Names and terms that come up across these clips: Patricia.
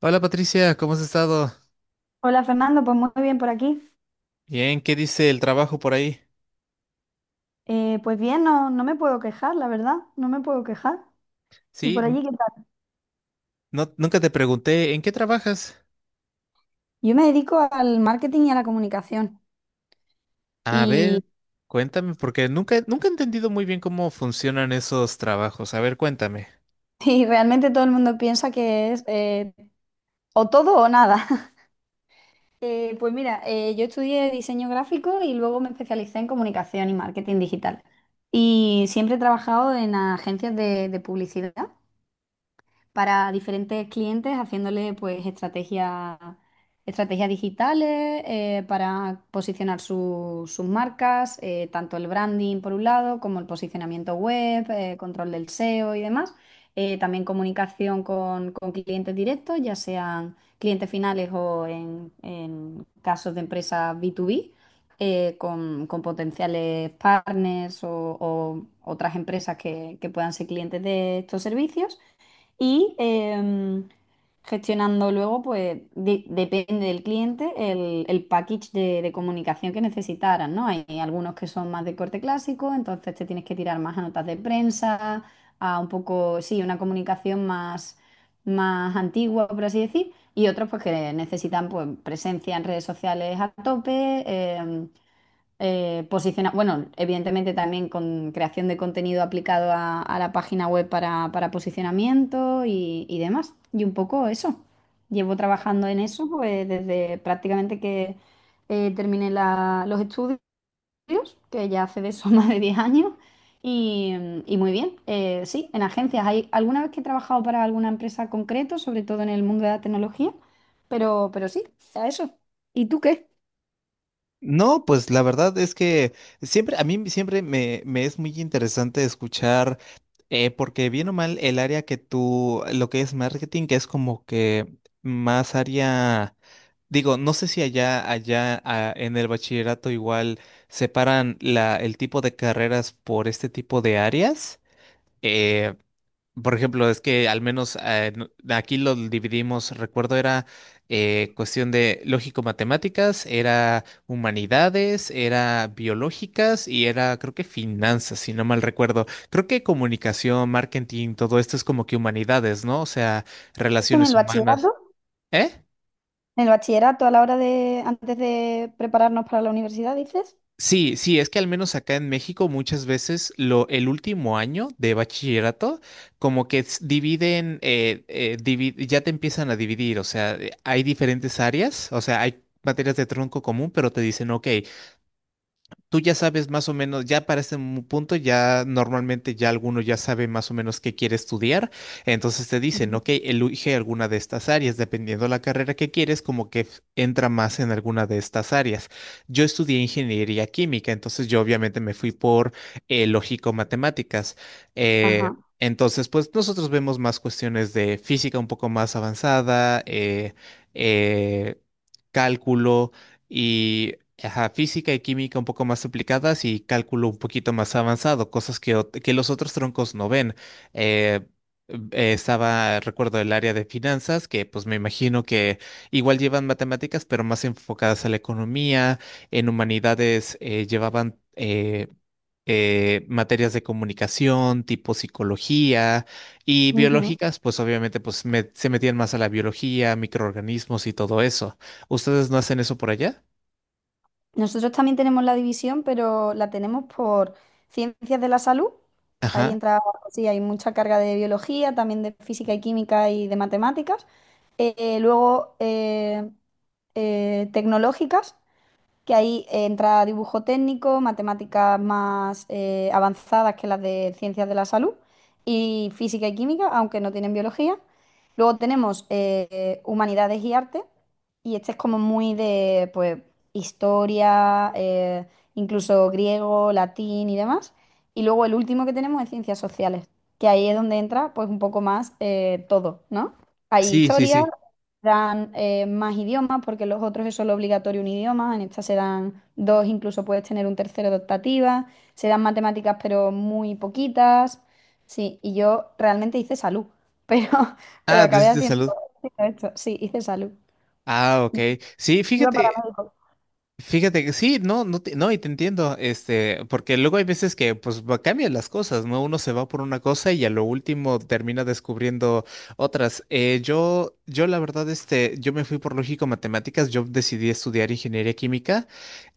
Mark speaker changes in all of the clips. Speaker 1: Hola Patricia, ¿cómo has estado?
Speaker 2: Hola Fernando, pues muy bien por aquí.
Speaker 1: Bien, ¿qué dice el trabajo por ahí?
Speaker 2: Pues bien, no, no me puedo quejar, la verdad, no me puedo quejar. ¿Y
Speaker 1: Sí,
Speaker 2: por allí qué tal?
Speaker 1: no, nunca te pregunté, ¿en qué trabajas?
Speaker 2: Yo me dedico al marketing y a la comunicación
Speaker 1: A ver,
Speaker 2: y,
Speaker 1: cuéntame, porque nunca he entendido muy bien cómo funcionan esos trabajos. A ver, cuéntame.
Speaker 2: y realmente todo el mundo piensa que es o todo o nada. Pues mira, yo estudié diseño gráfico y luego me especialicé en comunicación y marketing digital. Y siempre he trabajado en agencias de publicidad, para diferentes clientes, haciéndole pues estrategias digitales, para posicionar sus marcas, tanto el branding por un lado, como el posicionamiento web, control del SEO y demás. También comunicación con clientes directos, ya sean clientes finales o en casos de empresas B2B, con potenciales partners o otras empresas que puedan ser clientes de estos servicios y gestionando luego, pues depende del cliente, el package de comunicación que necesitaran, ¿no? Hay algunos que son más de corte clásico, entonces te tienes que tirar más a notas de prensa, a un poco, sí, una comunicación más, más antigua, por así decir, y otros pues que necesitan pues presencia en redes sociales a tope. em, bueno, evidentemente también con creación de contenido aplicado a la página web para posicionamiento y demás. Y un poco eso. Llevo trabajando en eso pues desde prácticamente que terminé los estudios, que ya hace de eso más de 10 años. Y, y muy bien. Sí, en agencias. Hay alguna vez que he trabajado para alguna empresa concreto, sobre todo en el mundo de la tecnología, pero sí, a eso. ¿Y tú qué?
Speaker 1: No, pues la verdad es que siempre, a mí siempre me es muy interesante escuchar, porque bien o mal el área que tú, lo que es marketing, que es como que más área. Digo, no sé si allá, en el bachillerato igual separan la, el tipo de carreras por este tipo de áreas. Eh, por ejemplo, es que al menos aquí lo dividimos, recuerdo, era cuestión de lógico-matemáticas, era humanidades, era biológicas y era, creo que finanzas, si no mal recuerdo. Creo que comunicación, marketing, todo esto es como que humanidades, ¿no? O sea,
Speaker 2: ¿Esto en
Speaker 1: relaciones
Speaker 2: el
Speaker 1: humanas.
Speaker 2: bachillerato?
Speaker 1: ¿Eh?
Speaker 2: En el bachillerato, a la hora de, antes de prepararnos para la universidad, dices.
Speaker 1: Sí, sí, es que al menos acá en México muchas veces lo, el último año de bachillerato como que dividen, ya te empiezan a dividir, o sea, hay diferentes áreas, o sea, hay materias de tronco común, pero te dicen, ok, tú ya sabes más o menos, ya para este punto, ya normalmente ya alguno ya sabe más o menos qué quiere estudiar. Entonces te dicen,
Speaker 2: Ujú.
Speaker 1: ok, elige alguna de estas áreas, dependiendo la carrera que quieres, como que entra más en alguna de estas áreas. Yo estudié ingeniería química, entonces yo obviamente me fui por lógico-matemáticas. Eh,
Speaker 2: Ajá.
Speaker 1: entonces, pues nosotros vemos más cuestiones de física un poco más avanzada, eh, cálculo. Y ajá, física y química un poco más aplicadas y cálculo un poquito más avanzado, cosas que, que los otros troncos no ven. Eh, estaba, recuerdo, el área de finanzas, que pues me imagino que igual llevan matemáticas, pero más enfocadas a la economía. En humanidades llevaban... materias de comunicación, tipo psicología y
Speaker 2: Ujú.
Speaker 1: biológicas, pues obviamente pues se metían más a la biología, microorganismos y todo eso. ¿Ustedes no hacen eso por allá?
Speaker 2: Nosotros también tenemos la división, pero la tenemos por ciencias de la salud. Ahí
Speaker 1: Ajá.
Speaker 2: entra, sí, hay mucha carga de biología, también de física y química y de matemáticas. Luego tecnológicas, que ahí entra dibujo técnico, matemáticas más avanzadas que las de ciencias de la salud y física y química, aunque no tienen biología. Luego tenemos humanidades y arte, y este es como muy de pues historia, incluso griego, latín y demás. Y luego el último que tenemos es ciencias sociales, que ahí es donde entra pues un poco más todo, ¿no? Hay
Speaker 1: Sí, sí,
Speaker 2: historia,
Speaker 1: sí.
Speaker 2: dan más idiomas, porque los otros es solo obligatorio un idioma, en esta se dan dos, incluso puedes tener un tercero de optativa, se dan matemáticas pero muy poquitas. Sí, y yo realmente hice salud, pero pero
Speaker 1: Ah, tú
Speaker 2: acabé
Speaker 1: hiciste
Speaker 2: haciendo
Speaker 1: salud.
Speaker 2: esto. Sí, hice salud.
Speaker 1: Ah, ok. Sí,
Speaker 2: Iba para
Speaker 1: fíjate,
Speaker 2: médico.
Speaker 1: fíjate que sí, no, no, no, y te entiendo, este, porque luego hay veces que pues cambian las cosas, ¿no? Uno se va por una cosa y a lo último termina descubriendo otras. Yo, la verdad, este, yo me fui por lógico matemáticas, yo decidí estudiar ingeniería química,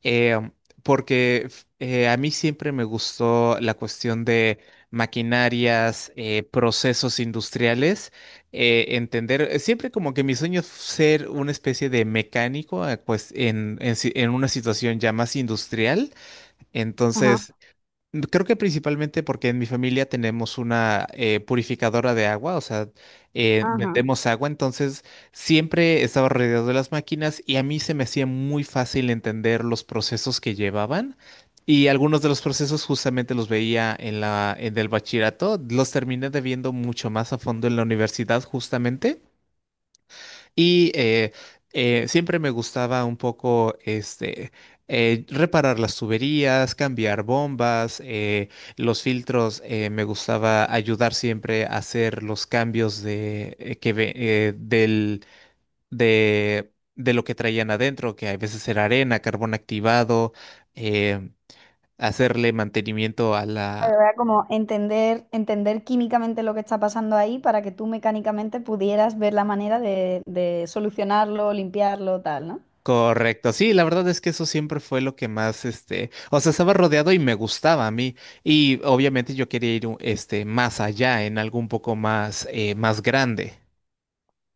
Speaker 1: eh, porque a mí siempre me gustó la cuestión de maquinarias, procesos industriales. Entender, siempre como que mi sueño es ser una especie de mecánico, pues en, en una situación ya más industrial.
Speaker 2: Ajá,
Speaker 1: Entonces, mm, creo que principalmente porque en mi familia tenemos una purificadora de agua, o sea,
Speaker 2: ajá.
Speaker 1: vendemos agua, entonces siempre estaba rodeado de las máquinas y a mí se me hacía muy fácil entender los procesos que llevaban y algunos de los procesos justamente los veía en la, en el bachillerato, los terminé de viendo mucho más a fondo en la universidad justamente. Y siempre me gustaba un poco este reparar las tuberías, cambiar bombas, los filtros. Me gustaba ayudar siempre a hacer los cambios de del de lo que traían adentro, que a veces era arena, carbón activado, eh, hacerle mantenimiento.
Speaker 2: Pero era como entender, entender químicamente lo que está pasando ahí para que tú mecánicamente pudieras ver la manera de solucionarlo, limpiarlo, tal, ¿no?
Speaker 1: Correcto, sí, la verdad es que eso siempre fue lo que más, este, o sea, estaba rodeado y me gustaba a mí. Y obviamente yo quería ir, este, más allá, en algo un poco más, más grande.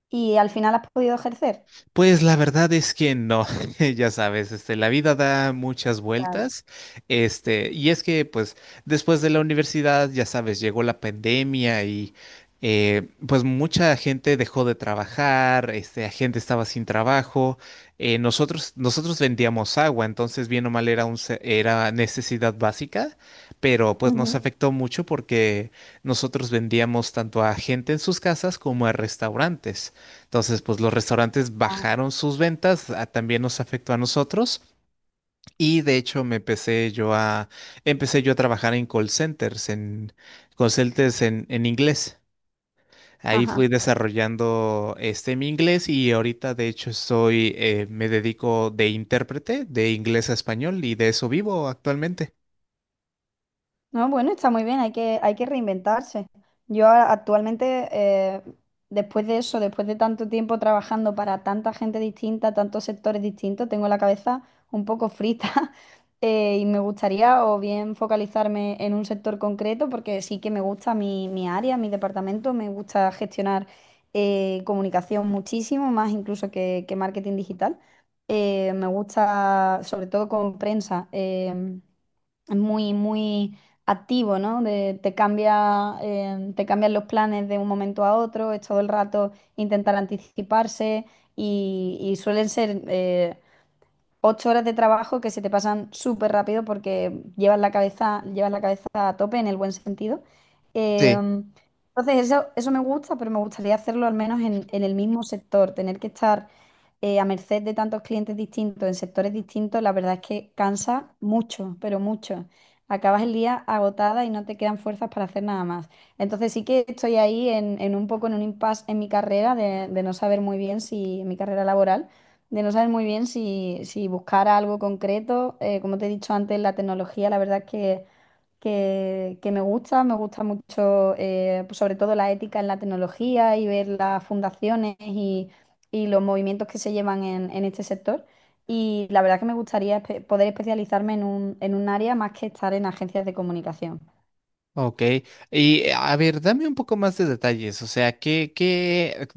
Speaker 2: Y al final has podido ejercer.
Speaker 1: Pues la verdad es que no, ya sabes, este, la vida da muchas
Speaker 2: Claro.
Speaker 1: vueltas, este, y es que pues después de la universidad, ya sabes, llegó la pandemia y pues mucha gente dejó de trabajar, este, la gente estaba sin trabajo, nosotros vendíamos agua, entonces bien o mal era un, era necesidad básica, pero pues nos afectó mucho porque nosotros vendíamos tanto a gente en sus casas como a restaurantes. Entonces, pues los restaurantes bajaron sus ventas, también nos afectó a nosotros y de hecho me empecé yo a trabajar en call centers, en call centers en inglés. Ahí
Speaker 2: Ajá.
Speaker 1: fui desarrollando este mi inglés y ahorita de hecho soy me dedico de intérprete de inglés a español y de eso vivo actualmente.
Speaker 2: No, bueno, está muy bien, hay que reinventarse. Yo actualmente, después de eso, después de tanto tiempo trabajando para tanta gente distinta, tantos sectores distintos, tengo la cabeza un poco frita, y me gustaría o bien focalizarme en un sector concreto, porque sí que me gusta mi área, mi departamento, me gusta gestionar comunicación muchísimo, más incluso que marketing digital. Me gusta, sobre todo con prensa. Muy, muy activo, ¿no? Te cambia, te cambian los planes de un momento a otro, es todo el rato intentar anticiparse y suelen ser, 8 horas de trabajo que se te pasan súper rápido porque llevas la cabeza a tope en el buen sentido. Entonces, eso me gusta, pero me gustaría hacerlo al menos en el mismo sector. Tener que estar a merced de tantos clientes distintos, en sectores distintos, la verdad es que cansa mucho, pero mucho. Acabas el día agotada y no te quedan fuerzas para hacer nada más. Entonces sí que estoy ahí en un poco en un impasse en mi carrera de no saber muy bien si en mi carrera laboral de no saber muy bien si, si buscar algo concreto. Como te he dicho antes, la tecnología, la verdad es que me gusta mucho, pues sobre todo la ética en la tecnología y ver las fundaciones y los movimientos que se llevan en este sector. Y la verdad que me gustaría poder especializarme en un área más que estar en agencias de comunicación.
Speaker 1: Ok, y a ver, dame un poco más de detalles, o sea,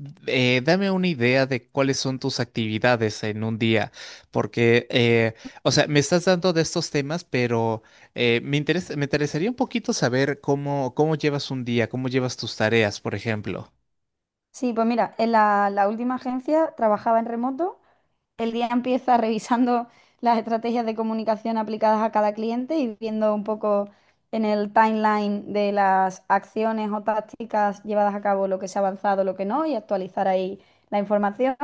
Speaker 1: dame una idea de cuáles son tus actividades en un día, porque, o sea, me estás dando de estos temas, pero me interesa, me interesaría un poquito saber cómo, cómo llevas un día, cómo llevas tus tareas, por ejemplo.
Speaker 2: Sí, pues mira, en la última agencia trabajaba en remoto. El día empieza revisando las estrategias de comunicación aplicadas a cada cliente y viendo un poco en el timeline de las acciones o tácticas llevadas a cabo, lo que se ha avanzado, lo que no, y actualizar ahí la información.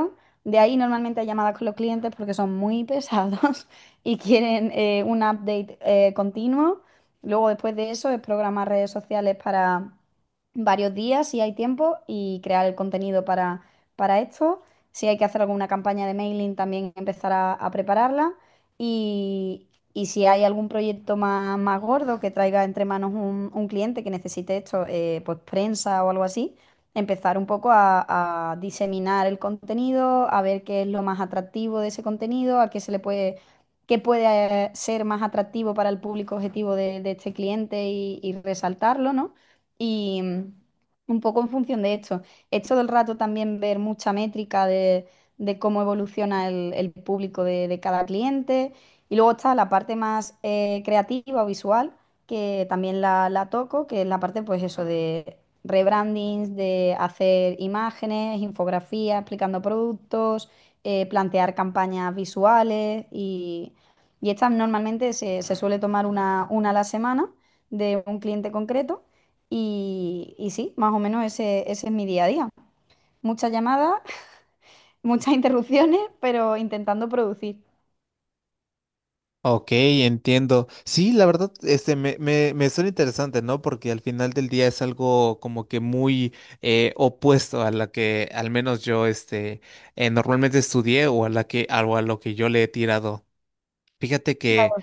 Speaker 2: De ahí normalmente hay llamadas con los clientes porque son muy pesados y quieren un update continuo. Luego después de eso es programar redes sociales para varios días si hay tiempo y crear el contenido para esto. Si hay que hacer alguna campaña de mailing, también empezar a prepararla. Y, y si hay algún proyecto más, más gordo que traiga entre manos un cliente que necesite esto, pues prensa o algo así, empezar un poco a diseminar el contenido, a ver qué es lo más atractivo de ese contenido, a qué se le puede, qué puede ser más atractivo para el público objetivo de este cliente y resaltarlo, ¿no? Y un poco en función de esto es todo el rato también ver mucha métrica de cómo evoluciona el público de cada cliente. Y luego está la parte más creativa o visual, que también la toco, que es la parte, pues eso, de rebrandings, de hacer imágenes, infografías, explicando productos, plantear campañas visuales, y estas normalmente se suele tomar una a la semana de un cliente concreto. Y sí, más o menos ese es mi día a día. Muchas llamadas, muchas interrupciones, pero intentando producir.
Speaker 1: Ok, entiendo. Sí, la verdad, este, me suena interesante, ¿no? Porque al final del día es algo como que muy opuesto a la que al menos yo, este, normalmente estudié o a la que, o a lo que yo le he tirado. Fíjate que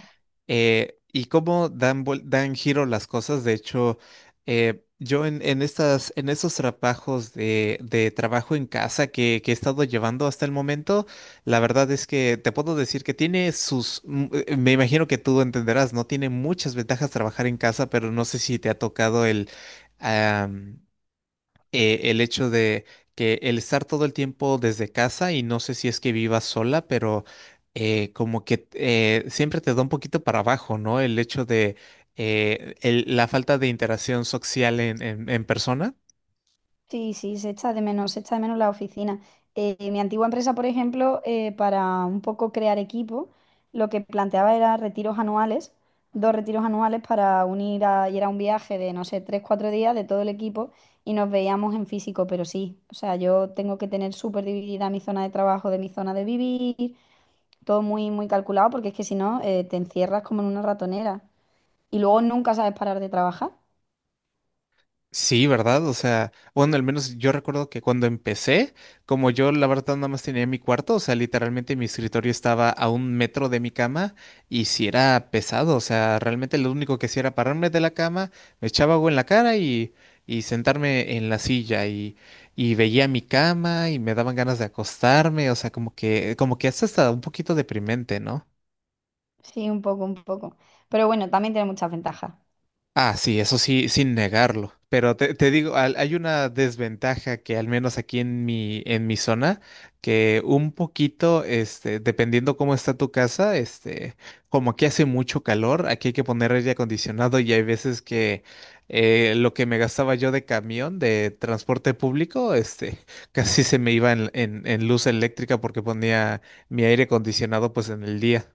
Speaker 1: y cómo dan, dan giro las cosas. De hecho, yo en estas, en esos trabajos de trabajo en casa que he estado llevando hasta el momento, la verdad es que te puedo decir que tiene sus, mm, me imagino que tú entenderás, ¿no? Tiene muchas ventajas trabajar en casa, pero no sé si te ha tocado el hecho de que el estar todo el tiempo desde casa y no sé si es que vivas sola, pero como que siempre te da un poquito para abajo, ¿no? El hecho de la falta de interacción social en persona.
Speaker 2: Sí, sí, se echa de menos, se echa de menos la oficina. Mi antigua empresa, por ejemplo, para un poco crear equipo, lo que planteaba era retiros anuales, dos retiros anuales para unir y era un viaje de, no sé, 3, 4 días de todo el equipo y nos veíamos en físico, pero sí, o sea, yo tengo que tener súper dividida mi zona de trabajo de mi zona de vivir, todo muy, muy calculado, porque es que si no, te encierras como en una ratonera y luego nunca sabes parar de trabajar.
Speaker 1: Sí, ¿verdad? O sea, bueno, al menos yo recuerdo que cuando empecé, como yo la verdad nada más tenía mi cuarto, o sea, literalmente mi escritorio estaba a un metro de mi cama y si era pesado, o sea, realmente lo único que hacía era pararme de la cama, me echaba agua en la cara y sentarme en la silla y veía mi cama y me daban ganas de acostarme, o sea, como que es hasta un poquito deprimente, ¿no?
Speaker 2: Sí, un poco, un poco. Pero bueno, también tiene muchas ventajas.
Speaker 1: Ah, sí, eso sí, sin negarlo. Pero te digo, hay una desventaja que al menos aquí en mi zona, que un poquito, este, dependiendo cómo está tu casa, este, como aquí hace mucho calor, aquí hay que poner aire acondicionado y hay veces que lo que me gastaba yo de camión, de transporte público, este, casi se me iba en, en luz eléctrica porque ponía mi aire acondicionado pues en el día.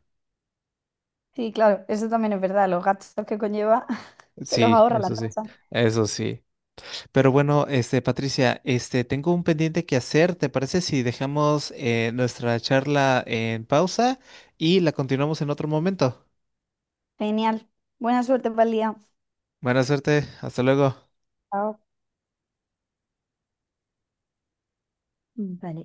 Speaker 2: Sí, claro, eso también es verdad. Los gastos que conlleva se los
Speaker 1: Sí,
Speaker 2: ahorra la
Speaker 1: eso sí,
Speaker 2: empresa.
Speaker 1: eso sí. Pero bueno, este, Patricia, este, tengo un pendiente que hacer. ¿Te parece si dejamos nuestra charla en pausa y la continuamos en otro momento?
Speaker 2: Genial. Buena suerte para el día.
Speaker 1: Buena suerte, hasta luego.
Speaker 2: Chao. Vale.